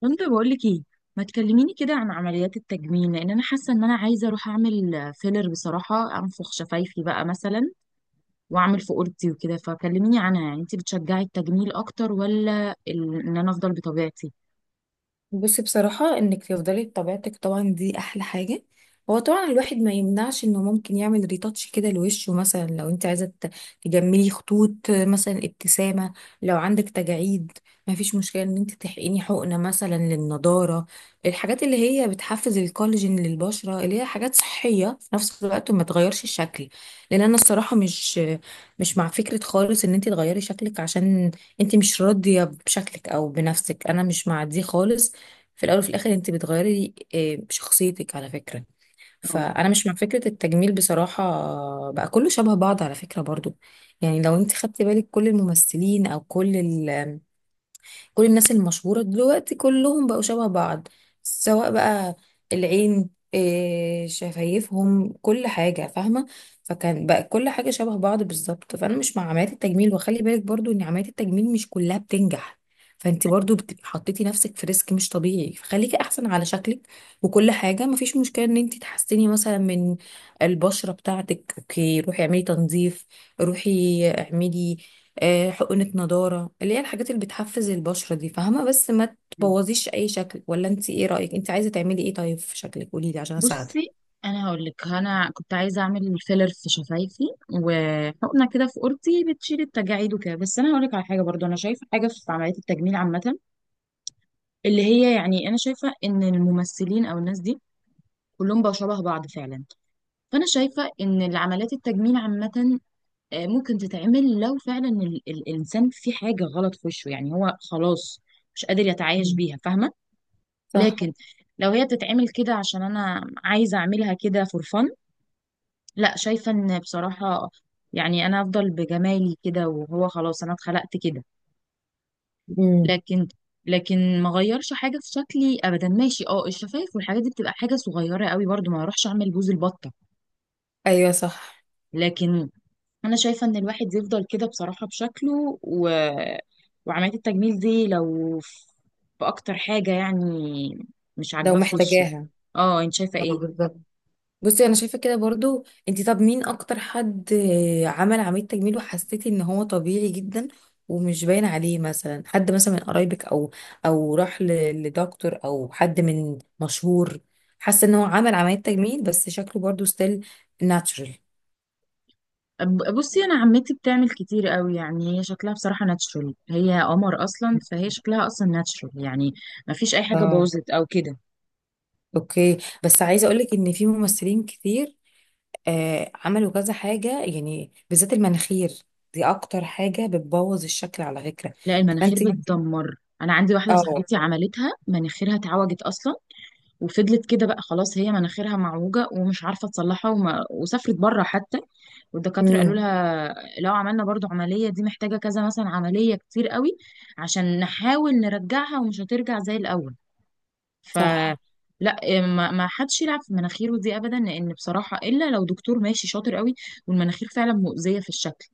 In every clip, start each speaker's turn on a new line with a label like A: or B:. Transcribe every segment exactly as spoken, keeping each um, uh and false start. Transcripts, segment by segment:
A: كنت بقول لك ايه؟ ما تكلميني كده عن عمليات التجميل، لان انا حاسه ان انا عايزه اروح اعمل فيلر بصراحه، انفخ شفايفي بقى مثلا، واعمل في اوضتي وكده. فكلميني عنها، يعني انت بتشجعي التجميل اكتر ولا ال- ان انا افضل بطبيعتي؟
B: بصي، بصراحة انك تفضلي بطبيعتك طبعا دي احلى حاجة. هو طبعا الواحد ما يمنعش انه ممكن يعمل ريتاتش كده لوشه، مثلا لو انت عايزة ت- تجملي خطوط مثلا ابتسامة، لو عندك تجاعيد ما فيش مشكلة ان انت تحقني حقنة مثلا للنضارة، الحاجات اللي هي بتحفز الكولاجين للبشرة اللي هي حاجات صحية في نفس الوقت ما تغيرش الشكل. لان انا الصراحة مش مش مع فكرة خالص ان انت تغيري شكلك عشان انت مش راضية بشكلك او بنفسك، انا مش مع دي خالص. في الاول وفي الاخر انت بتغيري آه، شخصيتك على فكره،
A: اه.
B: فانا مش مع فكره التجميل بصراحه. بقى كله شبه بعض على فكره برضو. يعني لو انت خدتي بالك كل الممثلين او كل ال كل الناس المشهورة دلوقتي كلهم بقوا شبه بعض، سواء بقى العين، إيه، شفايفهم، كل حاجة، فاهمة؟ فكان بقى كل حاجة شبه بعض بالظبط. فأنا مش مع عمليات التجميل، وخلي بالك برضو إن عمليات التجميل مش كلها بتنجح، فانت برضو بتبقي حطيتي نفسك في ريسك مش طبيعي، فخليكي احسن على شكلك. وكل حاجه مفيش مشكله ان انت تحسني مثلا من البشره بتاعتك. اوكي، روحي اعملي تنظيف، روحي اعملي آه، حقنة نضارة، اللي هي الحاجات اللي بتحفز البشرة دي، فاهمة؟ بس ما
A: أيوة.
B: تبوظيش أي شكل. ولا انت ايه رأيك؟ انت عايزة تعملي ايه طيب في شكلك؟ قوليلي عشان
A: بصي،
B: اساعدك.
A: انا هقول لك، انا كنت عايزه اعمل فيلر في شفايفي وحقنه كده في اوضتي بتشيل التجاعيد وكده. بس انا هقول لك على حاجه برضو، انا شايفه حاجه في عمليات التجميل عامه، اللي هي يعني انا شايفه ان الممثلين او الناس دي كلهم بقوا شبه بعض فعلا. فانا شايفه ان العمليات التجميل عامه آه، ممكن تتعمل لو فعلا ال- ال- الانسان في حاجه غلط في وشه، يعني هو خلاص مش قادر يتعايش
B: مم.
A: بيها، فاهمه؟
B: صح.
A: لكن لو هي بتتعمل كده عشان انا عايزه اعملها كده فور فن، لا، شايفه ان بصراحه يعني انا افضل بجمالي كده، وهو خلاص انا اتخلقت كده.
B: مم.
A: لكن لكن ما غيرش حاجه في شكلي ابدا. ماشي، اه، الشفايف والحاجات دي بتبقى حاجه صغيره قوي، برضو ما اروحش اعمل بوز البطه.
B: ايوه صح.
A: لكن انا شايفه ان الواحد يفضل كده بصراحه بشكله، و... وعمليه التجميل دي لو في اكتر حاجه يعني مش
B: لو
A: عاجباه في وشه.
B: محتاجاها.
A: اه، انت شايفه
B: اه،
A: ايه؟
B: بالظبط. بصي انا شايفه كده برضو. انتي طب مين اكتر حد آه، عمل عمليه تجميل وحسيتي ان هو طبيعي جدا ومش باين عليه؟ مثلا حد مثلا من قرايبك، او او راح ل- لدكتور، او حد من مشهور، حاسه ان هو عمل عمليه تجميل بس شكله برضو ستيل ناتشورال.
A: أب- بصي، انا عمتي بتعمل كتير قوي، يعني هي شكلها بصراحه ناتشورال، هي قمر اصلا، فهي شكلها اصلا ناتشورال يعني، ما فيش اي حاجه
B: اه،
A: باظت او كده.
B: اوكي. بس عايزه اقولك ان في ممثلين كتير آه عملوا كذا حاجه، يعني بالذات المناخير دي اكتر حاجه بتبوظ الشكل على فكره.
A: لا، المناخير
B: فانت.
A: بتدمر. انا عندي واحده
B: اه.
A: صاحبتي عملتها، مناخيرها اتعوجت اصلا وفضلت كده بقى خلاص، هي مناخيرها معوجة ومش عارفة تصلحها، وما وسافرت بره حتى، والدكاترة قالوا
B: امم.
A: لها لو عملنا برضو عملية دي محتاجة كذا مثلا عملية كتير قوي عشان نحاول نرجعها، ومش هترجع زي الأول. ف
B: صح.
A: لا، ما ما حدش يلعب في مناخيره دي ابدا، لان بصراحه الا لو دكتور ماشي شاطر قوي والمناخير فعلا مؤذيه في الشكل،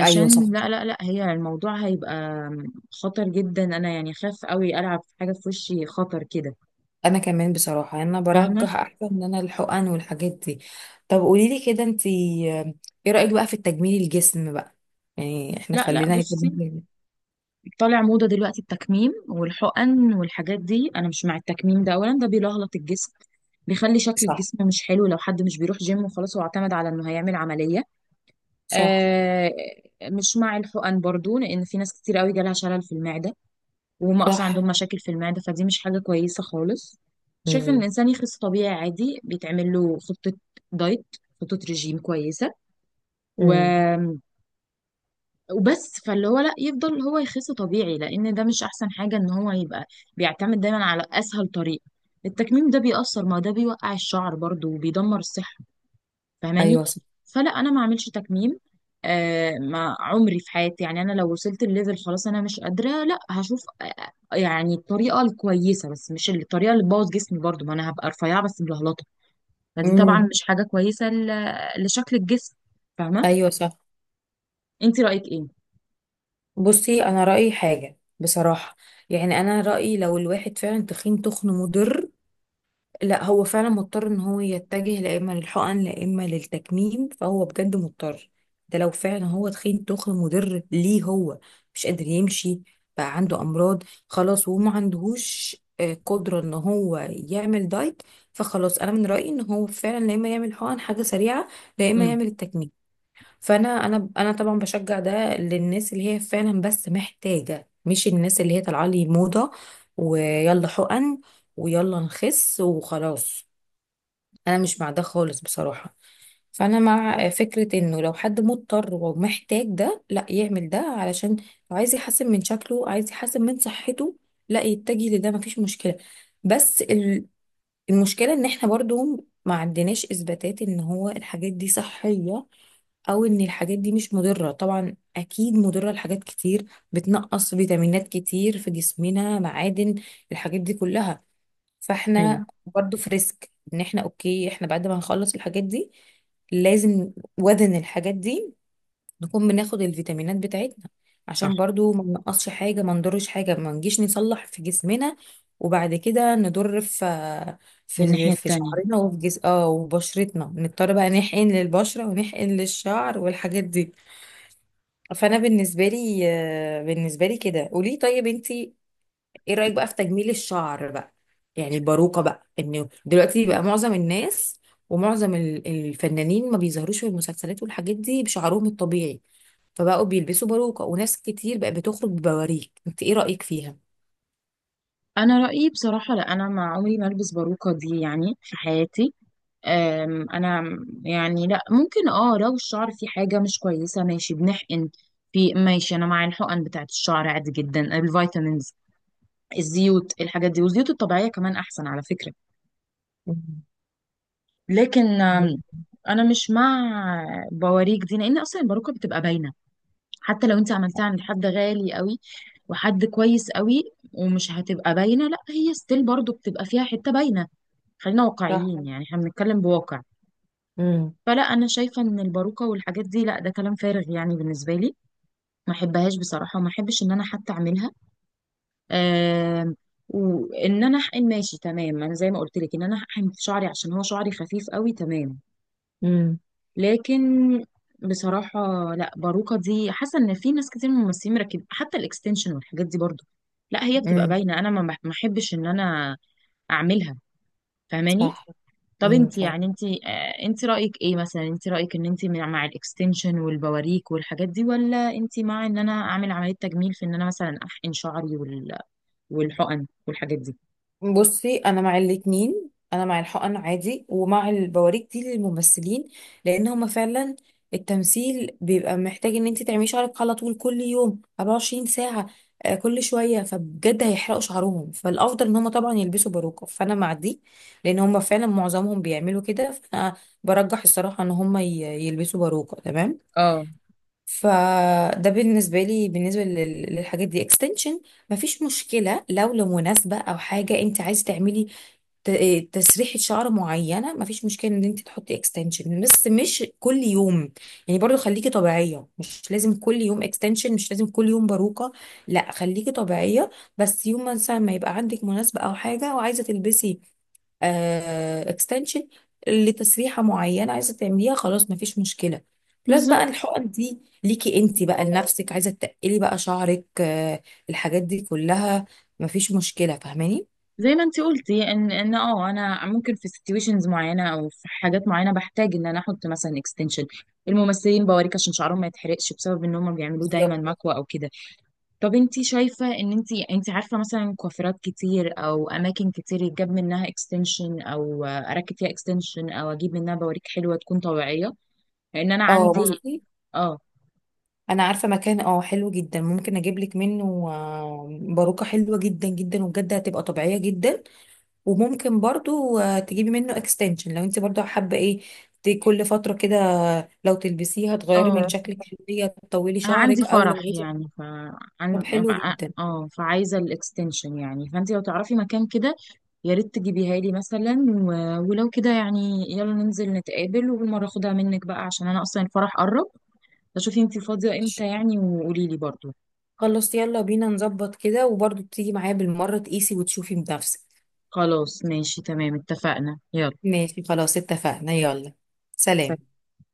B: ايوه صح.
A: لا لا لا، هي الموضوع هيبقى خطر جدا. انا يعني خاف قوي العب في حاجه في وشي خطر كده،
B: انا كمان بصراحه، يعني انا
A: فاهمه؟
B: برجح احسن ان انا الحقن والحاجات دي. طب قولي لي كده، انت ايه رايك بقى في التجميل الجسم بقى؟ يعني احنا
A: لا لا،
B: خلينا
A: بصي،
B: يتجميل.
A: طالع موضة دلوقتي التكميم والحقن والحاجات دي. انا مش مع التكميم ده، اولا ده بيلهلط الجسم، بيخلي شكل
B: صح.
A: الجسم مش حلو، لو حد مش بيروح جيم وخلاص هو اعتمد على انه هيعمل عملية.
B: صح.
A: آه، مش مع الحقن برضو، لان في ناس كتير قوي جالها شلل في المعدة، وهم اصلا عندهم
B: صح.
A: مشاكل في المعدة، فدي مش حاجة كويسة خالص. شايف ان
B: امم.
A: الانسان يخس طبيعي عادي، بيتعمل له خطة دايت، خطة رجيم كويسة، و
B: امم.
A: وبس. فاللي هو لا، يفضل هو يخس طبيعي، لان ده مش احسن حاجه ان هو يبقى بيعتمد دايما على اسهل طريقه. التكميم ده بيأثر، ما ده بيوقع الشعر برضو وبيدمر الصحه، فاهماني؟
B: ايوه صح.
A: فلا، انا ما اعملش تكميم آه ما عمري في حياتي. يعني انا لو وصلت الليفل خلاص انا مش قادره، لا هشوف آه، آه، يعني الطريقه الكويسه، بس مش الطريقه اللي تبوظ جسمي برضو، ما انا هبقى رفيعه بس ملهلطه، فدي طبعا مم.
B: امم.
A: مش حاجه كويسه ل- لشكل الجسم، فاهمه؟
B: ايوه صح.
A: انت رأيك ايه؟
B: بصي انا رايي حاجه بصراحه، يعني انا رايي لو الواحد فعلا تخين تخن مضر، لا هو فعلا مضطر ان هو يتجه لا اما للحقن لا اما للتكميم، فهو بجد مضطر. ده لو فعلا هو تخين تخن مضر ليه، هو مش قادر يمشي، بقى عنده امراض خلاص وما عندهوش آه، قدرة ان هو يعمل دايت، فخلاص انا من رأيي ان هو فعلا لا اما يعمل حقن حاجة سريعة لا اما
A: امم.
B: يعمل التكميم. فانا انا انا طبعا بشجع ده للناس اللي هي فعلا بس محتاجه، مش الناس اللي هي طالعه لي موضه ويلا حقن ويلا نخس وخلاص، انا مش مع ده خالص بصراحه. فانا مع فكره انه لو حد مضطر ومحتاج ده لا يعمل ده، علشان لو عايز يحسن من شكله عايز يحسن من صحته لا يتجه لده، مفيش مشكله. بس ال- المشكله ان احنا برضو ما عندناش اثباتات ان هو الحاجات دي صحيه، او ان الحاجات دي مش مضره، طبعا اكيد مضره لحاجات كتير، بتنقص فيتامينات كتير في جسمنا، معادن، الحاجات دي كلها.
A: ايوه
B: فاحنا برضو في ريسك، ان احنا اوكي احنا بعد ما هنخلص الحاجات دي لازم وزن الحاجات دي نكون بناخد الفيتامينات بتاعتنا،
A: صح.
B: عشان برضو ما ننقصش حاجة ما نضرش حاجة، ما نجيش نصلح في جسمنا وبعد كده نضر في
A: من
B: في
A: الناحية
B: في
A: التانية،
B: شعرنا وفي جس اه وبشرتنا نضطر بقى نحقن للبشرة ونحقن للشعر والحاجات دي. فأنا بالنسبة لي آه، بالنسبة لي كده قولي، طيب انتي ايه رأيك بقى في تجميل الشعر بقى؟ يعني الباروكة بقى، انه دلوقتي بقى معظم الناس ومعظم ال- الفنانين ما بيظهروش في المسلسلات والحاجات دي بشعرهم الطبيعي، فبقوا بيلبسوا باروكة وناس كتير بقى بتخرج ببواريك. انت ايه رأيك فيها؟
A: أنا رأيي بصراحة لا، أنا ما عمري ما ألبس باروكة دي يعني في حياتي. أم، أنا يعني، لا ممكن اه لو الشعر فيه حاجة مش كويسة ماشي بنحقن في، ماشي، أنا مع الحقن بتاعت الشعر عادي جدا، الفيتامينز، الزيوت، الحاجات دي، والزيوت الطبيعية كمان أحسن على فكرة.
B: مم.
A: لكن أم، أنا مش مع بواريك دي، لأن أصلا الباروكة بتبقى باينة، حتى لو انت عملتها عند حد غالي قوي وحد كويس قوي ومش هتبقى باينه، لا، هي ستيل برضو بتبقى فيها حته باينه. خلينا
B: صح.
A: واقعيين، يعني احنا بنتكلم بواقع.
B: امم.
A: فلا، انا شايفه ان الباروكه والحاجات دي لا، ده كلام فارغ يعني بالنسبه لي، ما احبهاش بصراحه، وما احبش ان انا حتى اعملها. آم، وان انا احقن ماشي تمام، انا زي ما قلت لك ان انا احقن في شعري عشان هو شعري خفيف قوي، تمام.
B: امم.
A: لكن بصراحة لا، باروكة دي حاسة ان في ناس كتير من الممثلين مركبين حتى الاكستنشن والحاجات دي برضو، لا، هي بتبقى
B: امم.
A: باينة. انا ما بح- ما احبش ان انا اعملها، فاهماني؟
B: صح.
A: طب
B: امم.
A: انت يعني انت آه، انت رأيك ايه مثلا؟ انت رأيك ان انت مع الاكستنشن والبواريك والحاجات دي، ولا انت مع ان انا اعمل عملية تجميل في ان انا مثلا احقن شعري وال- والحقن والحاجات دي؟
B: بصي انا مع الاتنين، انا مع الحقن عادي ومع البواريك دي للممثلين، لان هما فعلا التمثيل بيبقى محتاج ان انت تعملي شعرك على طول كل يوم اربعه وعشرين ساعه ساعة، آه، كل شوية، فبجد هيحرقوا شعرهم فالافضل ان هما طبعا يلبسوا باروكة، فانا مع دي لان هما فعلا معظمهم بيعملوا كده. فانا برجح الصراحة ان هما ي- يلبسوا باروكة تمام.
A: اه،
B: فده بالنسبة لي، بالنسبة لل- للحاجات دي اكستنشن، مفيش مشكلة لو لمناسبة أو حاجة أنت عايز تعملي ت- إيه، تسريحة شعر معينة، مفيش مشكلة ان انت تحطي اكستنشن بس مش كل يوم، يعني برضو خليكي طبيعية، مش لازم كل يوم اكستنشن مش لازم كل يوم باروكة، لا خليكي طبيعية. بس يوم مثلا ما يبقى عندك مناسبة او حاجة وعايزة تلبسي اكستنشن لتسريحة معينة عايزة تعمليها، خلاص مفيش مشكلة. بلس بقى
A: بالظبط.
B: الحقن دي ليكي انت بقى لنفسك، عايزة تقلي بقى شعرك، آه، الحاجات دي كلها مفيش مشكلة، فاهماني؟
A: زي ما انت قلتي ان ان اه انا ممكن في سيتويشنز معينه او في حاجات معينه بحتاج ان انا احط مثلا اكستنشن، الممثلين بوريك عشان شعرهم ما يتحرقش بسبب ان هم بيعملوه دايما
B: بالظبط.
A: مكوى او كده. طب انت شايفه ان انت انت عارفه مثلا كوافيرات كتير او اماكن كتير يتجاب منها اكستنشن، او اركب فيها اكستنشن، او اجيب منها بوريك حلوه تكون طبيعيه؟ لان انا أنا
B: اه،
A: عندي
B: بصي
A: اه،
B: انا عارفه مكان اه حلو جدا ممكن اجيب لك منه آه، باروكه حلوه جدا جدا وبجد هتبقى طبيعيه جدا، وممكن برضو آه، تجيبي منه اكستنشن لو انت برضو حابه ايه ت- كل فتره كده، لو تلبسيها تغيري من
A: اه
B: شكلك شويه تطولي
A: انا عندي
B: شعرك، او لو
A: فرح
B: عايزه.
A: يعني، ف
B: طب
A: عن...
B: حلو
A: ف-
B: جدا.
A: اه فعايزه الاكستنشن يعني. فانت لو تعرفي مكان كده يا ريت تجيبيها لي مثلا، و... ولو كده يعني يلا ننزل نتقابل وبالمره اخدها منك بقى، عشان انا اصلا الفرح قرب. فشوفي انت فاضيه
B: ماشي،
A: امتى يعني وقولي لي برضو.
B: خلاص يلا بينا نظبط كده وبرضو تيجي معايا بالمره تقيسي وتشوفي بنفسك.
A: خلاص ماشي تمام، اتفقنا، يلا.
B: ماشي خلاص اتفقنا يلا. سلام.
A: سلام.